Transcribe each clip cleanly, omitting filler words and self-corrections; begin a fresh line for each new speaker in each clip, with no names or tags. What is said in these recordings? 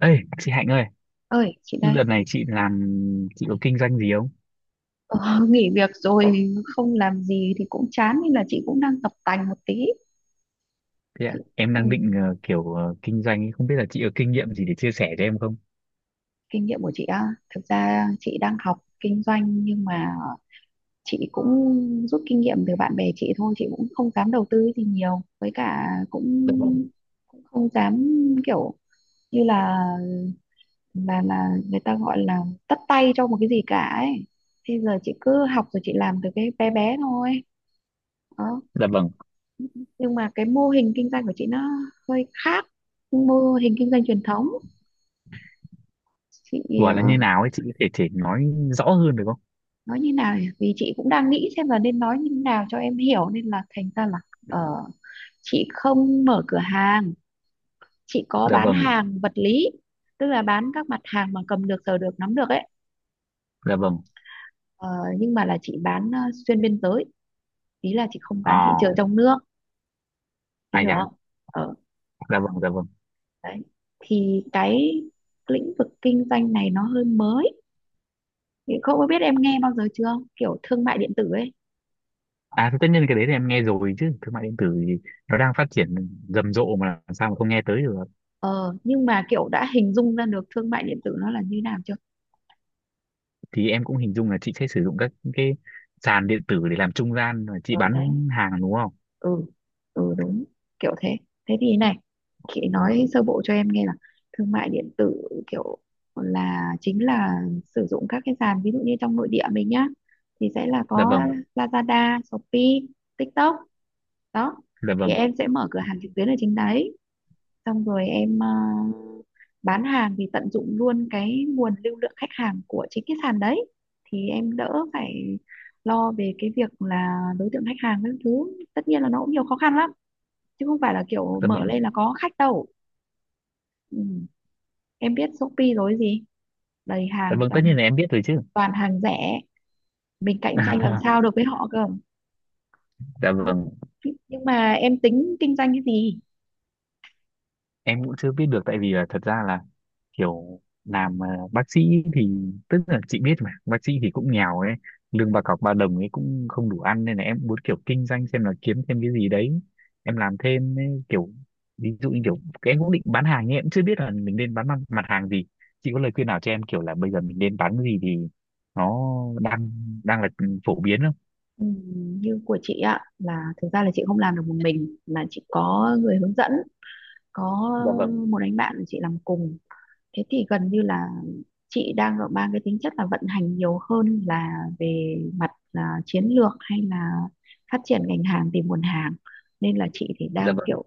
Ê, chị Hạnh ơi,
Ơi, chị đây.
đợt này chị làm chị có kinh doanh gì không?
ờ, Nghỉ việc rồi, không làm gì thì cũng chán nên là chị cũng đang tập tành một tí.
Thế
Chị,
ạ, em
ừ,
đang định kiểu kinh doanh ấy, không biết là chị có kinh nghiệm gì để chia sẻ cho em không?
kinh nghiệm của chị á, thực ra chị đang học kinh doanh nhưng mà chị cũng rút kinh nghiệm từ bạn bè chị thôi, chị cũng không dám đầu tư gì nhiều, với cả cũng
Dạ vâng,
cũng không dám kiểu như là là người ta gọi là tất tay cho một cái gì cả ấy. Bây giờ chị cứ học rồi chị làm từ cái bé bé thôi.
dạ vâng.
Nhưng mà cái mô hình kinh doanh của chị nó hơi khác mô hình kinh doanh truyền thống. Chị
Gọi là như
ừ.
nào ấy chị có thể thể nói rõ hơn được không?
Nói như nào nhỉ? Vì chị cũng đang nghĩ xem là nên nói như thế nào cho em hiểu nên là thành ra là ờ, chị không mở cửa hàng, chị có
Dạ
bán
vâng,
hàng vật lý, tức là bán các mặt hàng mà cầm được sờ được nắm được ấy.
dạ vâng.
Ờ, nhưng mà là chị bán xuyên biên giới, ý là chị không bán thị
À,
trường trong nước, em
ai
hiểu
dạ,
không? Ờ,
dạ vâng, dạ vâng.
đấy, thì cái lĩnh vực kinh doanh này nó hơi mới. Thì không có biết em nghe bao giờ chưa, kiểu thương mại điện tử ấy.
À, thì tất nhiên cái đấy thì em nghe rồi chứ, thương mại điện tử thì nó đang phát triển rầm rộ mà, làm sao mà không nghe tới được.
Ờ, nhưng mà kiểu đã hình dung ra được thương mại điện tử nó là như nào chưa?
Thì em cũng hình dung là chị sẽ sử dụng các cái sàn điện tử để làm trung gian và chị
Ờ đấy,
bán hàng, đúng không?
ừ, ừ đúng, kiểu thế. Thế thì này, chị
Ồ,
nói sơ bộ cho em nghe là thương mại điện tử kiểu là chính là sử dụng các cái sàn, ví dụ như trong nội địa mình nhá, thì sẽ là
dạ
có
vâng,
Lazada, Shopee, TikTok đó.
dạ
Thì
vâng,
em sẽ mở cửa hàng trực tuyến ở trên đấy, xong rồi em bán hàng thì tận dụng luôn cái nguồn lưu lượng khách hàng của chính cái sàn đấy, thì em đỡ phải lo về cái việc là đối tượng khách hàng các thứ. Tất nhiên là nó cũng nhiều khó khăn lắm chứ không phải là kiểu
dạ
mở
vâng.
lên là có khách đâu. Ừ. Em biết Shopee rồi gì, đầy
Dạ
hàng
vâng, tất
toàn
nhiên là em biết rồi chứ.
toàn hàng rẻ, mình cạnh tranh làm sao được với họ cơ.
Dạ
Đó.
vâng,
Nhưng mà em tính kinh doanh cái gì?
em cũng chưa biết được, tại vì là thật ra là kiểu làm bác sĩ thì, tức là chị biết mà, bác sĩ thì cũng nghèo ấy, lương bà cọc ba đồng ấy cũng không đủ ăn nên là em muốn kiểu kinh doanh xem là kiếm thêm cái gì đấy. Em làm thêm ấy, kiểu ví dụ như kiểu cái em cũng định bán hàng nhưng em cũng chưa biết là mình nên bán mặt hàng gì. Chị có lời khuyên nào cho em kiểu là bây giờ mình nên bán cái gì thì nó đang đang là phổ biến không?
Ừ, như của chị ạ, là thực ra là chị không làm được một mình mà chị có người hướng dẫn, có
Dạ vâng,
một anh bạn của chị làm cùng. Thế thì gần như là chị đang ở mang cái tính chất là vận hành nhiều hơn là về mặt là chiến lược hay là phát triển ngành hàng, tìm nguồn hàng. Nên là chị thì
dạ
đang
vâng,
kiểu,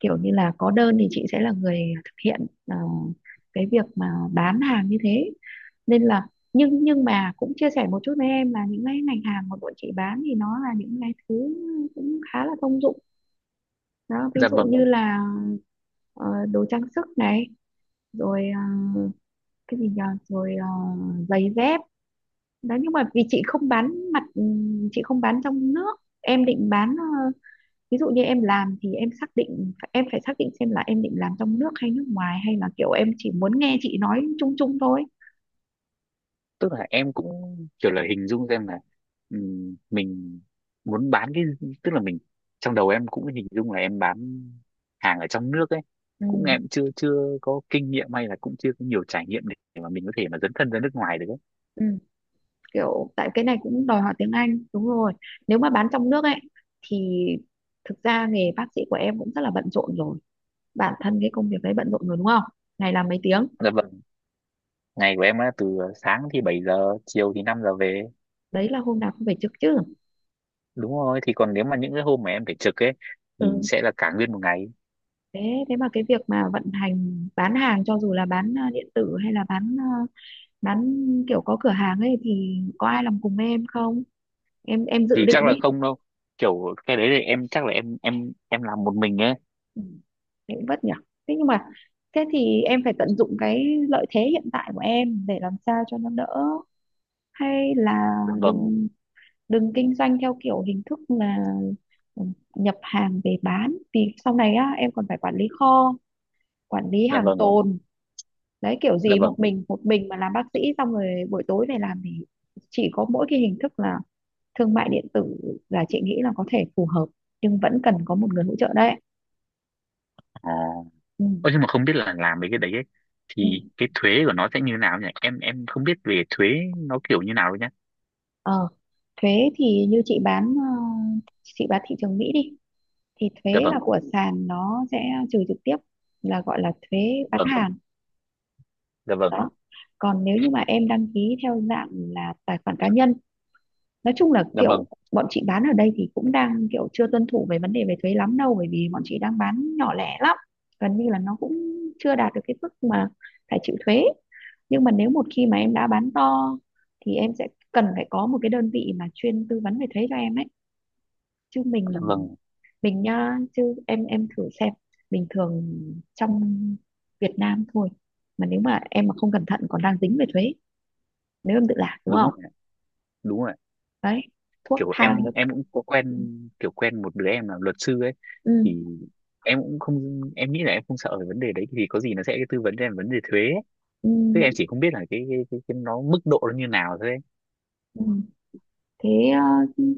kiểu như là có đơn thì chị sẽ là người thực hiện cái việc mà bán hàng như thế. Nên là nhưng mà cũng chia sẻ một chút với em là những cái ngành hàng mà bọn chị bán thì nó là những cái thứ cũng khá là thông dụng đó, ví
dạ
dụ
vâng.
như là đồ trang sức này, rồi cái gì nhờ, rồi giày dép đó. Nhưng mà vì chị không bán mặt chị không bán trong nước. Em định bán ví dụ như em làm thì em xác định, em phải xác định xem là em định làm trong nước hay nước ngoài, hay là kiểu em chỉ muốn nghe chị nói chung chung thôi?
Tức là em cũng kiểu là hình dung xem là mình muốn bán cái, tức là mình, trong đầu em cũng hình dung là em bán hàng ở trong nước ấy.
Ừ,
Cũng em chưa chưa có kinh nghiệm hay là cũng chưa có nhiều trải nghiệm để mà mình có thể mà dấn thân ra nước ngoài được ấy.
ừ. Kiểu tại cái này cũng đòi hỏi tiếng Anh đúng rồi. Nếu mà bán trong nước ấy thì thực ra nghề bác sĩ của em cũng rất là bận rộn rồi, bản thân cái công việc đấy bận rộn rồi đúng không, ngày làm mấy tiếng,
Dạ vâng, ngày của em á, từ sáng thì 7 giờ, chiều thì 5 giờ về.
đấy là hôm nào cũng phải trực chứ.
Đúng rồi, thì còn nếu mà những cái hôm mà em phải trực ấy
Ừ,
thì sẽ là cả nguyên một ngày.
thế thế mà cái việc mà vận hành bán hàng cho dù là bán điện tử hay là bán bán kiểu có cửa hàng ấy thì có ai làm cùng em không, em dự
Thì
định
chắc là
ấy?
không đâu. Kiểu cái đấy thì em chắc là em làm một mình ấy.
Ừ. Thế cũng vất nhỉ. Thế nhưng mà thế thì em phải tận dụng cái lợi thế hiện tại của em để làm sao cho nó đỡ, hay là
Dạ vâng,
đừng đừng kinh doanh theo kiểu hình thức là, ừ, nhập hàng về bán, vì sau này á em còn phải quản lý kho, quản lý
dạ
hàng
vâng,
tồn. Đấy, kiểu
dạ
gì một
vâng.
mình, một mình mà làm bác sĩ xong rồi buổi tối về làm thì chỉ có mỗi cái hình thức là thương mại điện tử là chị nghĩ là có thể phù hợp, nhưng vẫn cần có một người hỗ trợ đấy.
À.
Ừ.
Ơ, nhưng mà không biết là làm mấy cái đấy ấy, thì
Ừ.
cái thuế của nó sẽ như nào nhỉ? Em không biết về thuế nó kiểu như nào đâu nhá.
Ờ, thuế thì như chị bán chị bán thị trường Mỹ đi thì
Dạ
thuế
vâng,
là của sàn nó sẽ trừ trực tiếp, là gọi là thuế
dạ
bán
vâng,
hàng
dạ vâng,
đó. Còn nếu như mà em đăng ký theo dạng là tài khoản cá nhân, nói chung là
dạ vâng,
kiểu bọn chị bán ở đây thì cũng đang kiểu chưa tuân thủ về vấn đề về thuế lắm đâu, bởi vì bọn chị đang bán nhỏ lẻ lắm, gần như là nó cũng chưa đạt được cái mức mà phải chịu thuế. Nhưng mà nếu một khi mà em đã bán to thì em sẽ cần phải có một cái đơn vị mà chuyên tư vấn về thuế cho em ấy, chứ
dạ vâng,
mình nha, chứ em thử xem, bình thường trong Việt Nam thôi mà nếu mà em mà không cẩn thận còn đang dính về thuế, nếu em tự làm đúng
đúng
không.
rồi, ạ, đúng rồi, ạ.
Đấy, thuốc
Kiểu em
thang các,
em cũng có quen, kiểu quen một đứa em là luật sư ấy,
ừ,
thì em cũng không, em nghĩ là em không sợ về vấn đề đấy, thì có gì nó sẽ tư vấn cho em vấn đề thuế ấy.
ừ,
Tức em chỉ không biết là cái nó mức độ nó như nào thôi ấy.
ừ. Thế, ờ,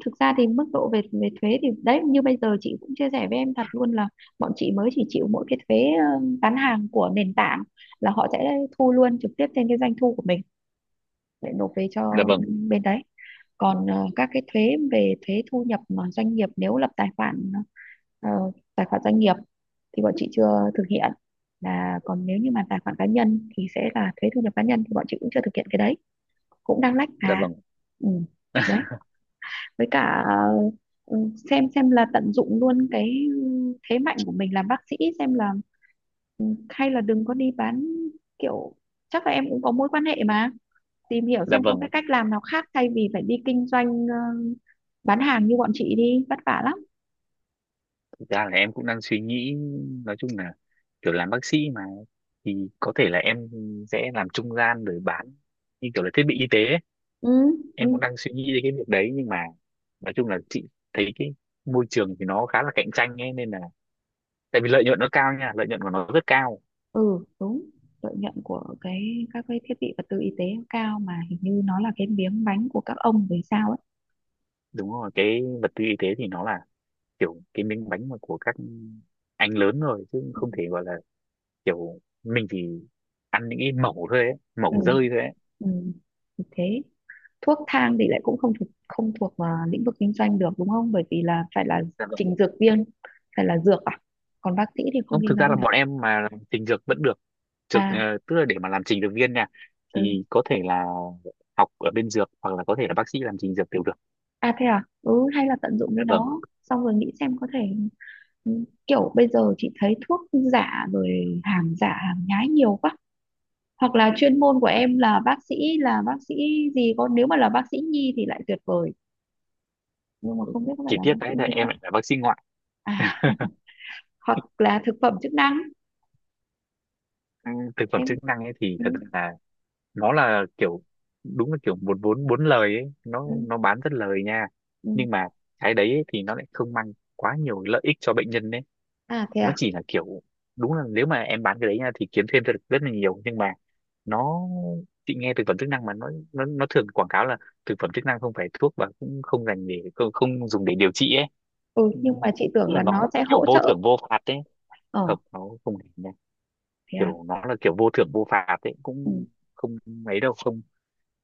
thực ra thì mức độ về về thuế thì đấy, như bây giờ chị cũng chia sẻ với em thật luôn là bọn chị mới chỉ chịu mỗi cái thuế bán hàng của nền tảng, là họ sẽ thu luôn trực tiếp trên cái doanh thu của mình để nộp về
Dạ
cho
vâng,
bên đấy. Còn các cái thuế về thuế thu nhập mà doanh nghiệp nếu lập tài khoản ờ, tài khoản doanh nghiệp thì bọn chị chưa thực hiện. Là còn nếu như mà tài khoản cá nhân thì sẽ là thuế thu nhập cá nhân thì bọn chị cũng chưa thực hiện cái đấy, cũng đang lách
dạ
mà.
vâng,
Ừ. Đấy, với cả, ừ, xem là tận dụng luôn cái thế mạnh của mình làm bác sĩ xem là, ừ, hay là đừng có đi bán kiểu, chắc là em cũng có mối quan hệ mà, tìm hiểu
dạ
xem có cái
vâng.
cách làm nào khác thay vì phải đi kinh doanh bán hàng như bọn chị đi, vất vả lắm.
Thực ra là em cũng đang suy nghĩ, nói chung là kiểu làm bác sĩ mà, thì có thể là em sẽ làm trung gian rồi bán như kiểu là thiết bị y tế ấy.
Ừ, ừ,
Em cũng đang suy nghĩ đến cái việc đấy nhưng mà nói chung là chị thấy cái môi trường thì nó khá là cạnh tranh ấy, nên là, tại vì lợi nhuận nó cao nha, lợi nhuận của nó rất cao.
ừ đúng. Lợi nhuận của cái các cái thiết bị vật tư y tế cao mà, hình như nó là cái miếng bánh của các ông về sao ấy.
Đúng rồi, cái vật tư y tế thì nó là kiểu cái miếng bánh mà của các anh lớn rồi, chứ không thể gọi là kiểu mình chỉ ăn những cái mẩu thôi ấy,
Ừ,
mẩu rơi thôi ấy.
ừ, ừ, thì thế, thuốc thang thì lại cũng không thuộc không thuộc vào lĩnh vực kinh doanh được đúng không, bởi vì là phải là
Dạ vâng.
trình dược viên, phải là dược à, còn bác sĩ thì không
Không,
kinh
thực ra
doanh
là
được.
bọn em mà làm trình dược vẫn được. Trực,
À,
tức là để mà làm trình dược viên nha,
ừ.
thì có thể là học ở bên dược hoặc là có thể là bác sĩ làm trình dược đều được.
À thế à, ừ, hay là tận dụng
Dạ
cái
vâng,
đó xong rồi nghĩ xem có thể, kiểu bây giờ chị thấy thuốc giả rồi hàng giả hàng nhái nhiều quá. Hoặc là chuyên môn của em là bác sĩ, là bác sĩ gì có, nếu mà là bác sĩ nhi thì lại tuyệt vời, nhưng mà không biết có phải
chỉ
là
tiếc
bác sĩ
cái là
nhi
em
không.
lại là bác sĩ ngoại.
À, hoặc là thực phẩm chức năng.
Ừ, thực phẩm
Em,
chức năng ấy thì
ừ,
thật ra là nó là kiểu đúng là kiểu một vốn bốn lời ấy, nó
ừ,
nó bán rất lời nha.
ừ.
Nhưng mà cái đấy ấy thì nó lại không mang quá nhiều lợi ích cho bệnh nhân ấy.
À thế
Nó
à,
chỉ là kiểu, đúng là nếu mà em bán cái đấy nha thì kiếm thêm được rất là nhiều, nhưng mà nó, chị nghe thực phẩm chức năng mà nó nó thường quảng cáo là thực phẩm chức năng không phải thuốc và cũng không dành để không dùng để điều trị ấy.
ừ,
Ừ,
nhưng mà chị tưởng
tức là
là nó
nó
sẽ
kiểu
hỗ
vô
trợ.
thưởng vô phạt ấy,
Ờ
hợp nó không hề nha,
thế à.
kiểu nó là kiểu vô thưởng vô phạt ấy,
Ừ.
cũng không mấy đâu, không,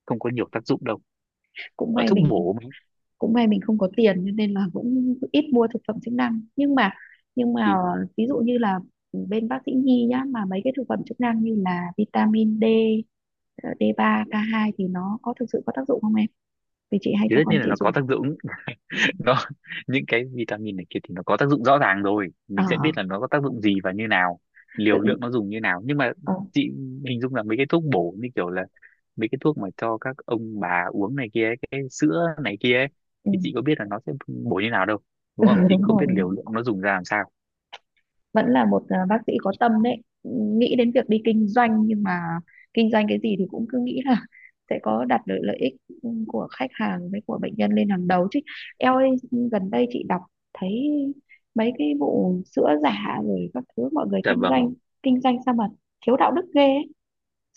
không có nhiều tác dụng đâu
Cũng
ở
may
thuốc
mình
bổ mấy.
cũng may mình không có tiền cho nên là cũng ít mua thực phẩm chức năng. Nhưng mà, nhưng mà
thì
ví dụ như là bên bác sĩ nhi nhá, mà mấy cái thực phẩm chức năng như là vitamin D, ờ, D3 K2 thì nó có thực sự có tác dụng không em, vì chị hay
thì
cho
tất
con
nhiên là
chị
nó
dùng.
có tác dụng,
Ừ.
nó những cái vitamin này kia thì nó có tác dụng rõ ràng rồi,
ờ
mình sẽ biết là nó có tác dụng gì và như nào, liều lượng
tự
nó dùng như nào. Nhưng mà
ờ
chị hình dung là mấy cái thuốc bổ như kiểu là mấy cái thuốc mà cho các ông bà uống này kia ấy, cái sữa này kia ấy,
Ừ.
thì chị có biết là nó sẽ bổ như nào đâu, đúng
Ừ
không, chị cũng
đúng
không
rồi,
biết liều lượng nó dùng ra làm sao.
vẫn là một, à, bác sĩ có tâm đấy, nghĩ đến việc đi kinh doanh, nhưng mà kinh doanh cái gì thì cũng cứ nghĩ là sẽ có đặt được lợi ích của khách hàng với của bệnh nhân lên hàng đầu chứ. Eo ơi, gần đây chị đọc thấy mấy cái vụ sữa giả rồi các thứ, mọi người
Dạ vâng,
kinh doanh sao mà thiếu đạo đức ghê ấy.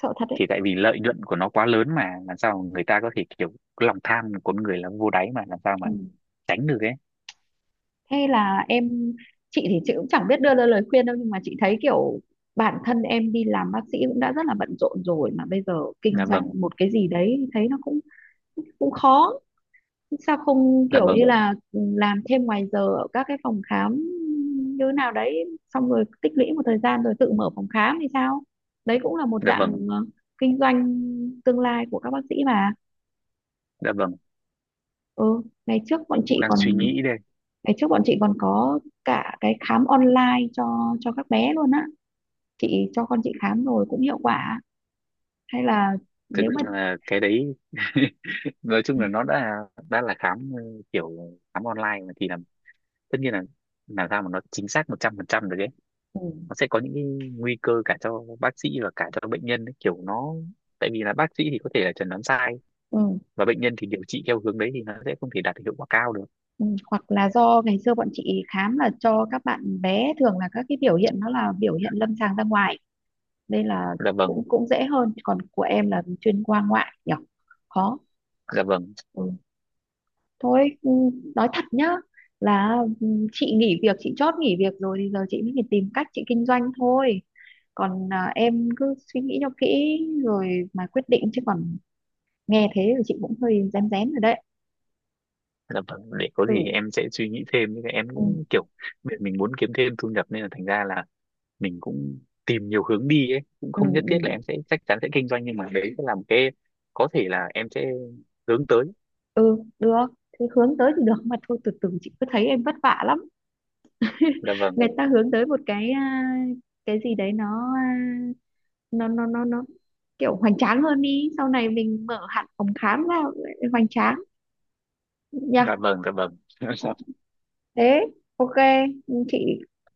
Sợ thật đấy.
thì tại vì lợi nhuận của nó quá lớn mà, làm sao mà người ta có thể kiểu, cái lòng tham của con người là vô đáy mà, làm sao
Ừ.
mà tránh được ấy.
Thế là em, chị thì chị cũng chẳng biết đưa ra lời khuyên đâu, nhưng mà chị thấy kiểu bản thân em đi làm bác sĩ cũng đã rất là bận rộn rồi mà bây giờ kinh
Dạ vâng,
doanh một cái gì đấy thấy nó cũng cũng khó. Sao không
dạ
kiểu như
vâng,
là, ừ, làm thêm ngoài giờ ở các cái phòng khám như thế nào đấy, xong rồi tích lũy một thời gian rồi tự mở phòng khám thì sao? Đấy cũng là một
dạ
dạng
vâng,
kinh doanh tương lai của các bác sĩ mà.
dạ vâng.
Ừ, ngày trước bọn
Em cũng
chị
đang
còn
suy nghĩ đây,
ngày trước bọn chị còn có cả cái khám online cho các bé luôn á. Chị cho con chị khám rồi cũng hiệu quả. Hay là
thực
nếu mà,
ra là cái đấy nói chung là nó đã là khám kiểu khám online mà, thì là tất nhiên là làm sao mà nó chính xác 100% được ấy.
ừ,
Nó sẽ có những cái nguy cơ cả cho bác sĩ và cả cho bệnh nhân ấy. Kiểu nó, tại vì là bác sĩ thì có thể là chẩn đoán sai
ừ.
và bệnh nhân thì điều trị theo hướng đấy thì nó sẽ không thể đạt được hiệu quả cao được.
Ừ, hoặc là do ngày xưa bọn chị khám là cho các bạn bé, thường là các cái biểu hiện nó là biểu hiện lâm sàng ra ngoài nên là
Dạ vâng,
cũng cũng dễ hơn, còn của em là chuyên khoa ngoại nhỉ, khó.
dạ vâng,
Ừ. Thôi, ừ, nói thật nhá, là, ừ, chị nghỉ việc, chị chót nghỉ việc rồi thì giờ chị mới phải tìm cách chị kinh doanh thôi, còn à, em cứ suy nghĩ cho kỹ rồi mà quyết định, chứ còn nghe thế thì chị cũng hơi rén rén rồi đấy.
dạ vâng, để có
Ừ,
gì em sẽ suy nghĩ thêm, nhưng mà em
ừ,
cũng kiểu mình muốn kiếm thêm thu nhập nên là thành ra là mình cũng tìm nhiều hướng đi ấy, cũng
ừ,
không nhất thiết là
ừ.
em sẽ chắc chắn sẽ kinh doanh, nhưng mà đấy sẽ là một cái có thể là em sẽ hướng tới.
Ừ được, thế hướng tới thì được mà, thôi từ từ, chị cứ thấy em vất vả lắm.
Dạ vâng,
Người ta hướng tới một cái, à, cái gì đấy nó, à, nó kiểu hoành tráng hơn đi, sau này mình mở hẳn phòng khám ra hoành tráng nha.
dạ vâng, dạ vâng.
Thế ok, chị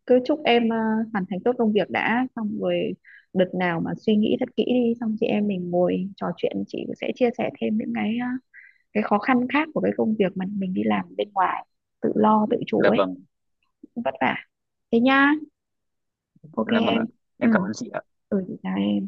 cứ chúc em, à, hoàn thành tốt công việc đã, xong rồi đợt nào mà suy nghĩ thật kỹ đi xong chị em mình ngồi trò chuyện, chị sẽ chia sẻ thêm những cái, à, cái khó khăn khác của cái công việc mà mình đi làm bên ngoài tự lo tự chủ
Dạ
ấy,
vâng,
cũng vất vả. Thế nhá, ok
dạ vâng
em.
ạ,
Ừ,
em cảm ơn chị.
ừ, chị chào em.